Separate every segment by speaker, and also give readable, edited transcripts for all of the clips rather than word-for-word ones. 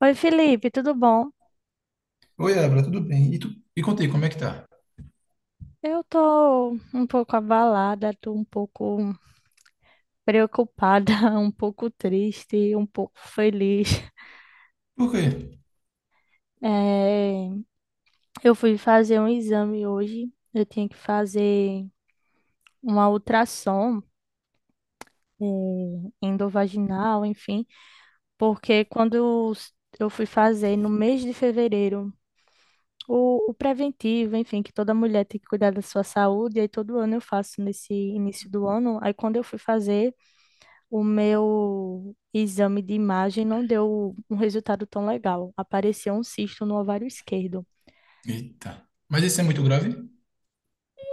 Speaker 1: Oi, Felipe, tudo bom?
Speaker 2: Oi, Abra, tudo bem? E tu? E contei, como é que tá?
Speaker 1: Eu tô um pouco abalada, tô um pouco preocupada, um pouco triste, um pouco feliz.
Speaker 2: Por quê?
Speaker 1: Eh, eu fui fazer um exame hoje, eu tinha que fazer uma ultrassom, eh, endovaginal, enfim, porque eu fui fazer no mês de fevereiro, o preventivo, enfim, que toda mulher tem que cuidar da sua saúde, aí todo ano eu faço nesse início do ano, aí quando eu fui fazer. O meu exame de imagem não deu um resultado tão legal. Apareceu um cisto no ovário esquerdo.
Speaker 2: Eita. Mas isso é muito grave?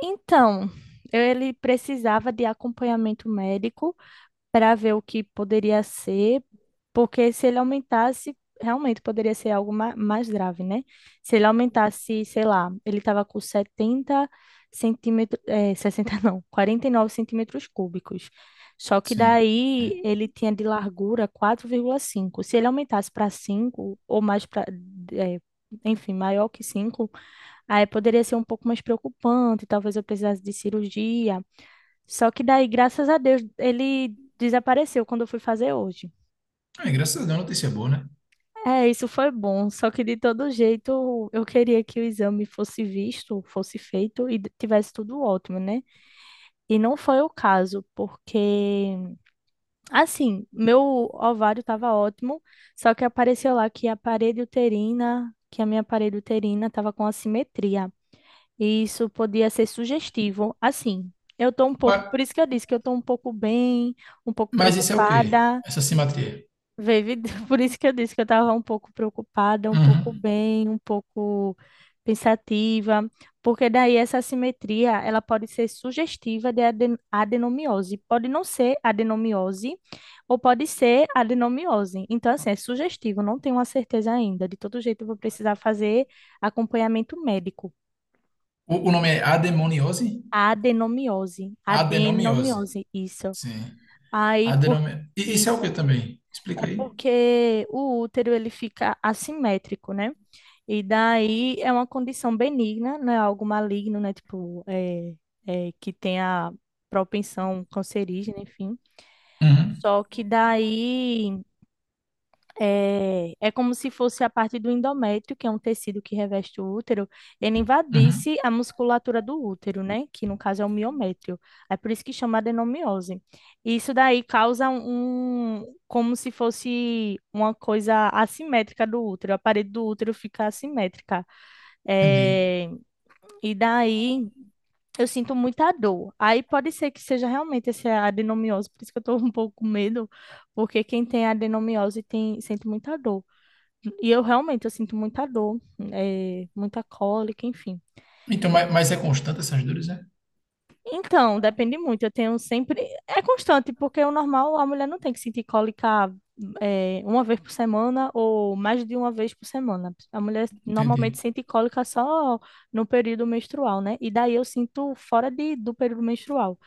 Speaker 1: Então, ele precisava de acompanhamento médico, para ver o que poderia ser, porque se ele aumentasse, realmente poderia ser algo mais grave, né? Se ele aumentasse, sei lá, ele estava com 70 centímetros, é, 60 não, 49 centímetros cúbicos. Só que
Speaker 2: Sim.
Speaker 1: daí ele tinha de largura 4,5. Se ele aumentasse para 5 ou mais para, é, enfim, maior que 5, aí poderia ser um pouco mais preocupante, talvez eu precisasse de cirurgia. Só que daí, graças a Deus, ele desapareceu quando eu fui fazer hoje.
Speaker 2: Ah, graças a Deus, notícia boa, né?
Speaker 1: É, isso foi bom, só que de todo jeito eu queria que o exame fosse visto, fosse feito e tivesse tudo ótimo, né? E não foi o caso, porque assim, meu ovário estava ótimo, só que apareceu lá que a parede uterina, que a minha parede uterina estava com assimetria. E isso podia ser sugestivo. Assim, eu tô um
Speaker 2: Mas,
Speaker 1: pouco, por isso que eu disse que eu tô um pouco bem, um pouco
Speaker 2: mas isso é o quê?
Speaker 1: preocupada.
Speaker 2: Essa simetria?
Speaker 1: Veio, por isso que eu disse que eu estava um pouco preocupada, um pouco
Speaker 2: Uhum.
Speaker 1: bem, um pouco pensativa, porque daí essa assimetria, ela pode ser sugestiva de adenomiose, pode não ser adenomiose ou pode ser adenomiose. Então, assim, é sugestivo, não tenho uma certeza ainda. De todo jeito, eu vou precisar fazer acompanhamento médico.
Speaker 2: O nome é adenomiose?
Speaker 1: Adenomiose,
Speaker 2: Adenomiose.
Speaker 1: adenomiose, isso.
Speaker 2: Sim.
Speaker 1: Aí, por
Speaker 2: Adenome... E isso é o
Speaker 1: isso,
Speaker 2: quê também? Explica
Speaker 1: é
Speaker 2: aí.
Speaker 1: porque o útero, ele fica assimétrico, né? E daí é uma condição benigna, não é algo maligno, né? Tipo, que tem a propensão cancerígena, enfim.
Speaker 2: Uhum.
Speaker 1: Só que daí é como se fosse a parte do endométrio, que é um tecido que reveste o útero, ele
Speaker 2: Uhum.
Speaker 1: invadisse a musculatura do útero, né? Que no caso é o miométrio. É por isso que chama adenomiose. E isso daí causa um, como se fosse uma coisa assimétrica do útero, a parede do útero fica assimétrica.
Speaker 2: Entendi.
Speaker 1: É, e daí eu sinto muita dor. Aí pode ser que seja realmente essa adenomiose, por isso que eu tô um pouco com medo, porque quem tem adenomiose tem, sente muita dor. E eu realmente eu sinto muita dor, muita cólica, enfim.
Speaker 2: Então, mas é constante essas dores, né?
Speaker 1: Então, depende muito. Eu tenho sempre. É constante, porque o normal a mulher não tem que sentir cólica uma vez por semana ou mais de uma vez por semana. A mulher normalmente
Speaker 2: Entendi.
Speaker 1: sente cólica só no período menstrual, né? E daí eu sinto fora do período menstrual.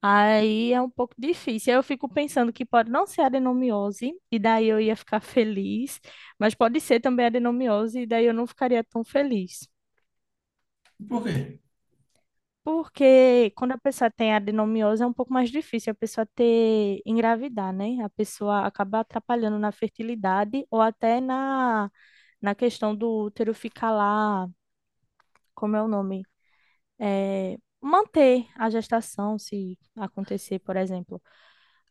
Speaker 1: Aí é um pouco difícil. Aí eu fico pensando que pode não ser adenomiose, e daí eu ia ficar feliz, mas pode ser também adenomiose, e daí eu não ficaria tão feliz.
Speaker 2: Por quê?
Speaker 1: Porque quando a pessoa tem adenomiose é um pouco mais difícil a pessoa ter engravidar, né? A pessoa acaba atrapalhando na fertilidade ou até na, na questão do útero ficar lá, como é o nome? É, manter a gestação, se acontecer, por exemplo.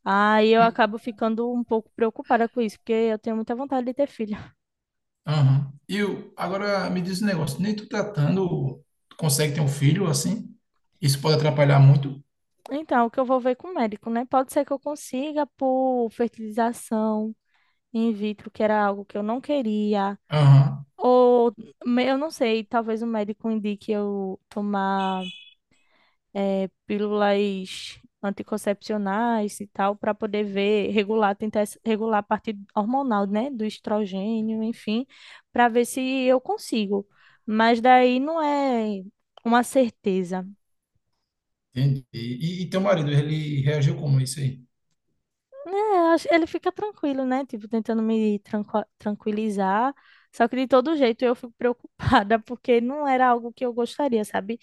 Speaker 1: Aí eu acabo ficando um pouco preocupada com isso, porque eu tenho muita vontade de ter filho.
Speaker 2: Aham. Agora me diz um negócio, nem tu tratando, tu consegue ter um filho assim? Isso pode atrapalhar muito?
Speaker 1: Então, o que eu vou ver com o médico, né? Pode ser que eu consiga por fertilização in vitro, que era algo que eu não queria.
Speaker 2: Aham,
Speaker 1: Ou, eu não sei, talvez o médico indique eu tomar pílulas anticoncepcionais e tal, para poder ver, regular, regular a parte hormonal, né, do estrogênio, enfim, para ver se eu consigo. Mas daí não é uma certeza.
Speaker 2: entendi. E teu marido, ele reagiu como a isso aí?
Speaker 1: É, ele fica tranquilo, né, tipo, tentando me tranquilizar. Só que de todo jeito eu fico preocupada, porque não era algo que eu gostaria, sabe?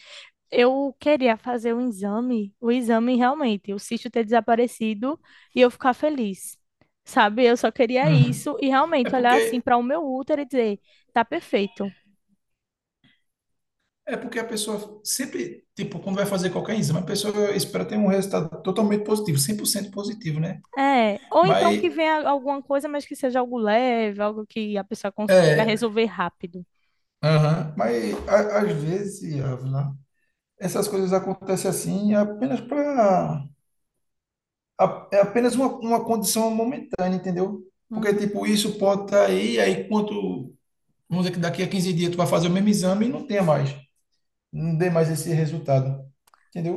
Speaker 1: Eu queria fazer um exame, o exame realmente, o cisto ter desaparecido e eu ficar feliz. Sabe? Eu só queria
Speaker 2: Uhum.
Speaker 1: isso e
Speaker 2: É
Speaker 1: realmente olhar assim
Speaker 2: porque
Speaker 1: para o meu útero e dizer, tá perfeito.
Speaker 2: é porque a pessoa sempre, tipo, quando vai fazer qualquer exame, a pessoa espera ter um resultado totalmente positivo, 100% positivo, né?
Speaker 1: É, ou então
Speaker 2: Mas
Speaker 1: que venha alguma coisa, mas que seja algo leve, algo que a pessoa consiga
Speaker 2: é,
Speaker 1: resolver rápido.
Speaker 2: aham, às vezes, Ávila, essas coisas acontecem assim apenas para é apenas uma condição momentânea, entendeu? Porque,
Speaker 1: Uhum.
Speaker 2: tipo, isso pode estar aí, aí quanto, vamos dizer que daqui a 15 dias tu vai fazer o mesmo exame e não tenha mais, não dê mais esse resultado,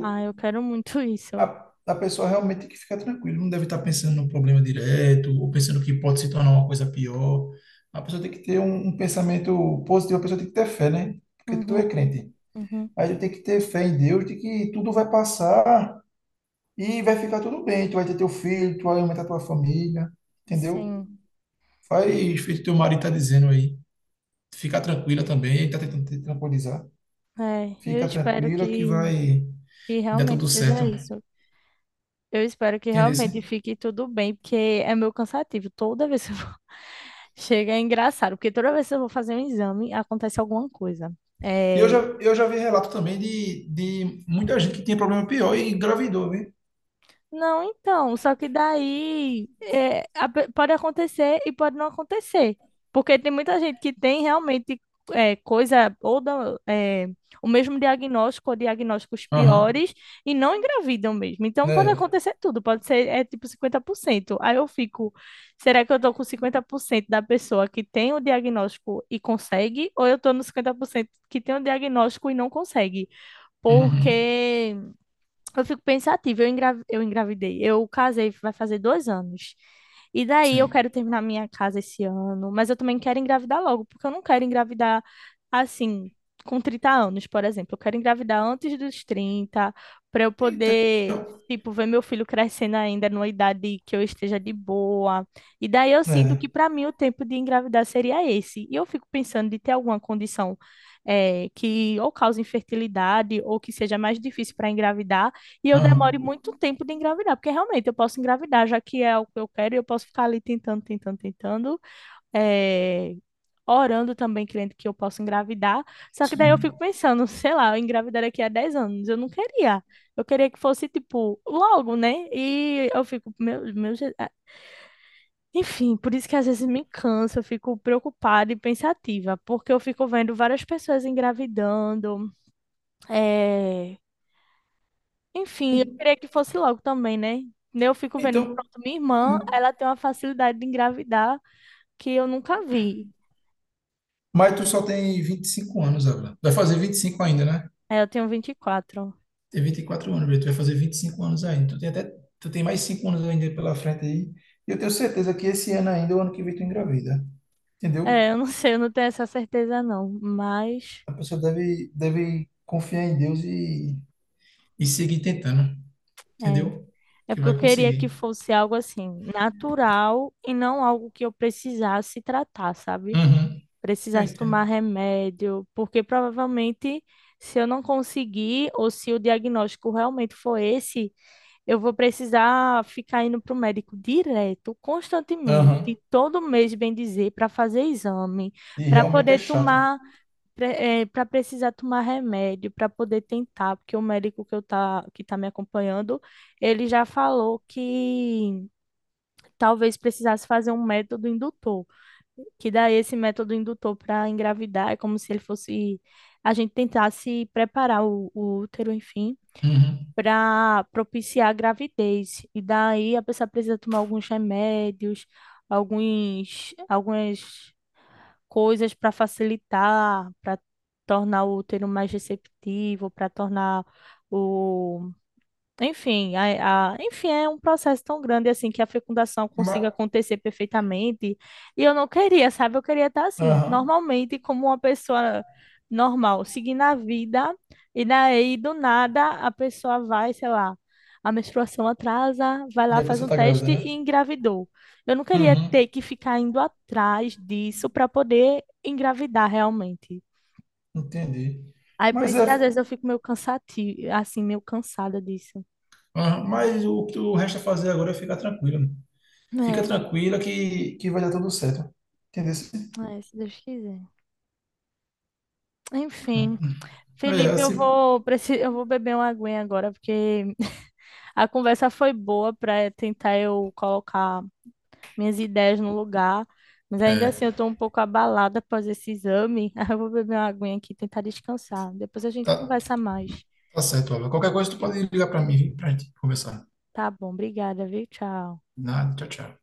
Speaker 1: Ah, eu quero muito isso.
Speaker 2: A pessoa realmente tem que ficar tranquila, não deve estar pensando no problema direto, ou pensando que pode se tornar uma coisa pior. A pessoa tem que ter um, um pensamento positivo, a pessoa tem que ter fé, né? Porque tu é
Speaker 1: Uhum,
Speaker 2: crente.
Speaker 1: uhum.
Speaker 2: Aí tem que ter fé em Deus, de que tudo vai passar, e vai ficar tudo bem. Tu vai ter teu filho, tu vai aumentar tua família, entendeu?
Speaker 1: Sim.
Speaker 2: Faz feito teu marido tá dizendo aí. Fica tranquila também, ele tá tentando te tranquilizar.
Speaker 1: É, eu
Speaker 2: Fica
Speaker 1: espero
Speaker 2: tranquila que vai
Speaker 1: que
Speaker 2: dar tudo
Speaker 1: realmente
Speaker 2: certo.
Speaker 1: seja isso. Eu espero que
Speaker 2: Entendeu?
Speaker 1: realmente
Speaker 2: Sim?
Speaker 1: fique tudo bem, porque é meu cansativo. Toda vez que eu vou... Chega, é engraçado, porque toda vez que eu vou fazer um exame, acontece alguma coisa.
Speaker 2: E eu já,
Speaker 1: É,
Speaker 2: eu já vi relato também de muita gente que tinha problema pior e engravidou, viu?
Speaker 1: não, então, só que daí é, pode acontecer e pode não acontecer. Porque tem muita gente que tem realmente coisa, o mesmo diagnóstico, ou diagnósticos
Speaker 2: Aham.
Speaker 1: piores, e não engravidam mesmo. Então pode
Speaker 2: Né.
Speaker 1: acontecer tudo, pode ser é, tipo 50%. Aí eu fico, será que eu tô com 50% da pessoa que tem o diagnóstico e consegue, ou eu tô no 50% que tem o diagnóstico e não consegue?
Speaker 2: Uhum.
Speaker 1: Porque. Eu fico pensativa, eu, eu engravidei, eu casei, vai fazer 2 anos. E daí eu
Speaker 2: Sim.
Speaker 1: quero terminar minha casa esse ano, mas eu também quero engravidar logo, porque eu não quero engravidar assim, com 30 anos, por exemplo. Eu quero engravidar antes dos 30 para eu
Speaker 2: Então,
Speaker 1: poder, tipo, ver meu filho crescendo ainda numa idade que eu esteja de boa. E daí eu sinto que
Speaker 2: é.
Speaker 1: para mim o tempo de engravidar seria esse. E eu fico pensando de ter alguma condição que ou cause infertilidade ou que seja mais difícil para engravidar e eu
Speaker 2: Aham.
Speaker 1: demore muito tempo de engravidar, porque realmente eu posso engravidar, já que é o que eu quero, e eu posso ficar ali tentando, tentando, tentando, eh, orando também, crendo que eu posso engravidar. Só que daí eu
Speaker 2: Sim.
Speaker 1: fico pensando, sei lá, eu engravidar daqui a 10 anos, eu não queria. Eu queria que fosse, tipo, logo, né? E eu fico, ah, enfim, por isso que às vezes me cansa, eu fico preocupada e pensativa, porque eu fico vendo várias pessoas engravidando, eh, enfim, eu
Speaker 2: E-
Speaker 1: queria que fosse logo também, né? Né, eu fico vendo,
Speaker 2: Então,
Speaker 1: pronto, minha irmã, ela tem uma facilidade de engravidar que eu nunca vi.
Speaker 2: mas tu só tem 25 anos agora. Vai fazer 25 ainda, né?
Speaker 1: Aí eu tenho 24.
Speaker 2: Tem 24 anos, velho. Tu vai fazer 25 anos ainda. Tu tem até, tu tem mais 5 anos ainda pela frente aí. E eu tenho certeza que esse ano ainda, o ano que vem, tu engravida. Entendeu?
Speaker 1: É, eu não sei, eu não tenho essa certeza não, mas
Speaker 2: A pessoa deve confiar em Deus e seguir tentando.
Speaker 1: é,
Speaker 2: Entendeu?
Speaker 1: é
Speaker 2: Que
Speaker 1: porque eu
Speaker 2: vai
Speaker 1: queria que
Speaker 2: conseguir.
Speaker 1: fosse algo assim, natural e não algo que eu precisasse tratar, sabe?
Speaker 2: Uhum. Eu
Speaker 1: Precisasse tomar
Speaker 2: entendo.
Speaker 1: remédio, porque provavelmente se eu não conseguir ou se o diagnóstico realmente for esse, eu vou precisar ficar indo para o médico direto,
Speaker 2: Aham.
Speaker 1: constantemente, todo mês, bem dizer, para fazer exame,
Speaker 2: E
Speaker 1: para
Speaker 2: realmente é
Speaker 1: poder
Speaker 2: chato.
Speaker 1: tomar, para precisar tomar remédio, para poder tentar, porque o médico que que está me acompanhando, ele já falou que talvez precisasse fazer um método indutor, que daí esse método indutor para engravidar é como se ele fosse, a gente tentasse preparar o útero, enfim,
Speaker 2: Uhum.
Speaker 1: para propiciar a gravidez. E daí a pessoa precisa tomar alguns remédios, algumas coisas para facilitar, para tornar o útero mais receptivo, para tornar o enfim, enfim, é um processo tão grande assim que a fecundação consiga
Speaker 2: Mas,
Speaker 1: acontecer perfeitamente. E eu não queria, sabe? Eu queria estar assim,
Speaker 2: aham.
Speaker 1: normalmente, como uma pessoa normal, seguindo a vida, e daí do nada a pessoa vai, sei lá, a menstruação atrasa, vai lá,
Speaker 2: E a
Speaker 1: faz
Speaker 2: pessoa
Speaker 1: um
Speaker 2: tá grávida,
Speaker 1: teste e
Speaker 2: né?
Speaker 1: engravidou. Eu não queria
Speaker 2: Uhum.
Speaker 1: ter que ficar indo atrás disso para poder engravidar realmente.
Speaker 2: Entendi.
Speaker 1: Aí por
Speaker 2: Mas
Speaker 1: isso
Speaker 2: é,
Speaker 1: que às vezes eu fico meio cansativo, assim, meio cansada disso.
Speaker 2: aham. Mas o que tu resta fazer agora é ficar tranquilo. Fica
Speaker 1: É.
Speaker 2: tranquila que vai dar tudo certo. Entendeu?
Speaker 1: É, se Deus quiser. Enfim,
Speaker 2: É,
Speaker 1: Felipe, eu
Speaker 2: assim,
Speaker 1: vou, eu vou beber uma aguinha agora, porque a conversa foi boa para tentar eu colocar minhas ideias no lugar, mas ainda
Speaker 2: é,
Speaker 1: assim eu estou um pouco abalada após esse exame. Aí eu vou beber uma aguinha aqui e tentar descansar. Depois a gente
Speaker 2: tá,
Speaker 1: conversa mais.
Speaker 2: tá certo, Álvaro. Qualquer coisa tu pode ligar pra mim, pra gente conversar.
Speaker 1: Tá bom, obrigada, viu? Tchau.
Speaker 2: Nada, tchau, tchau.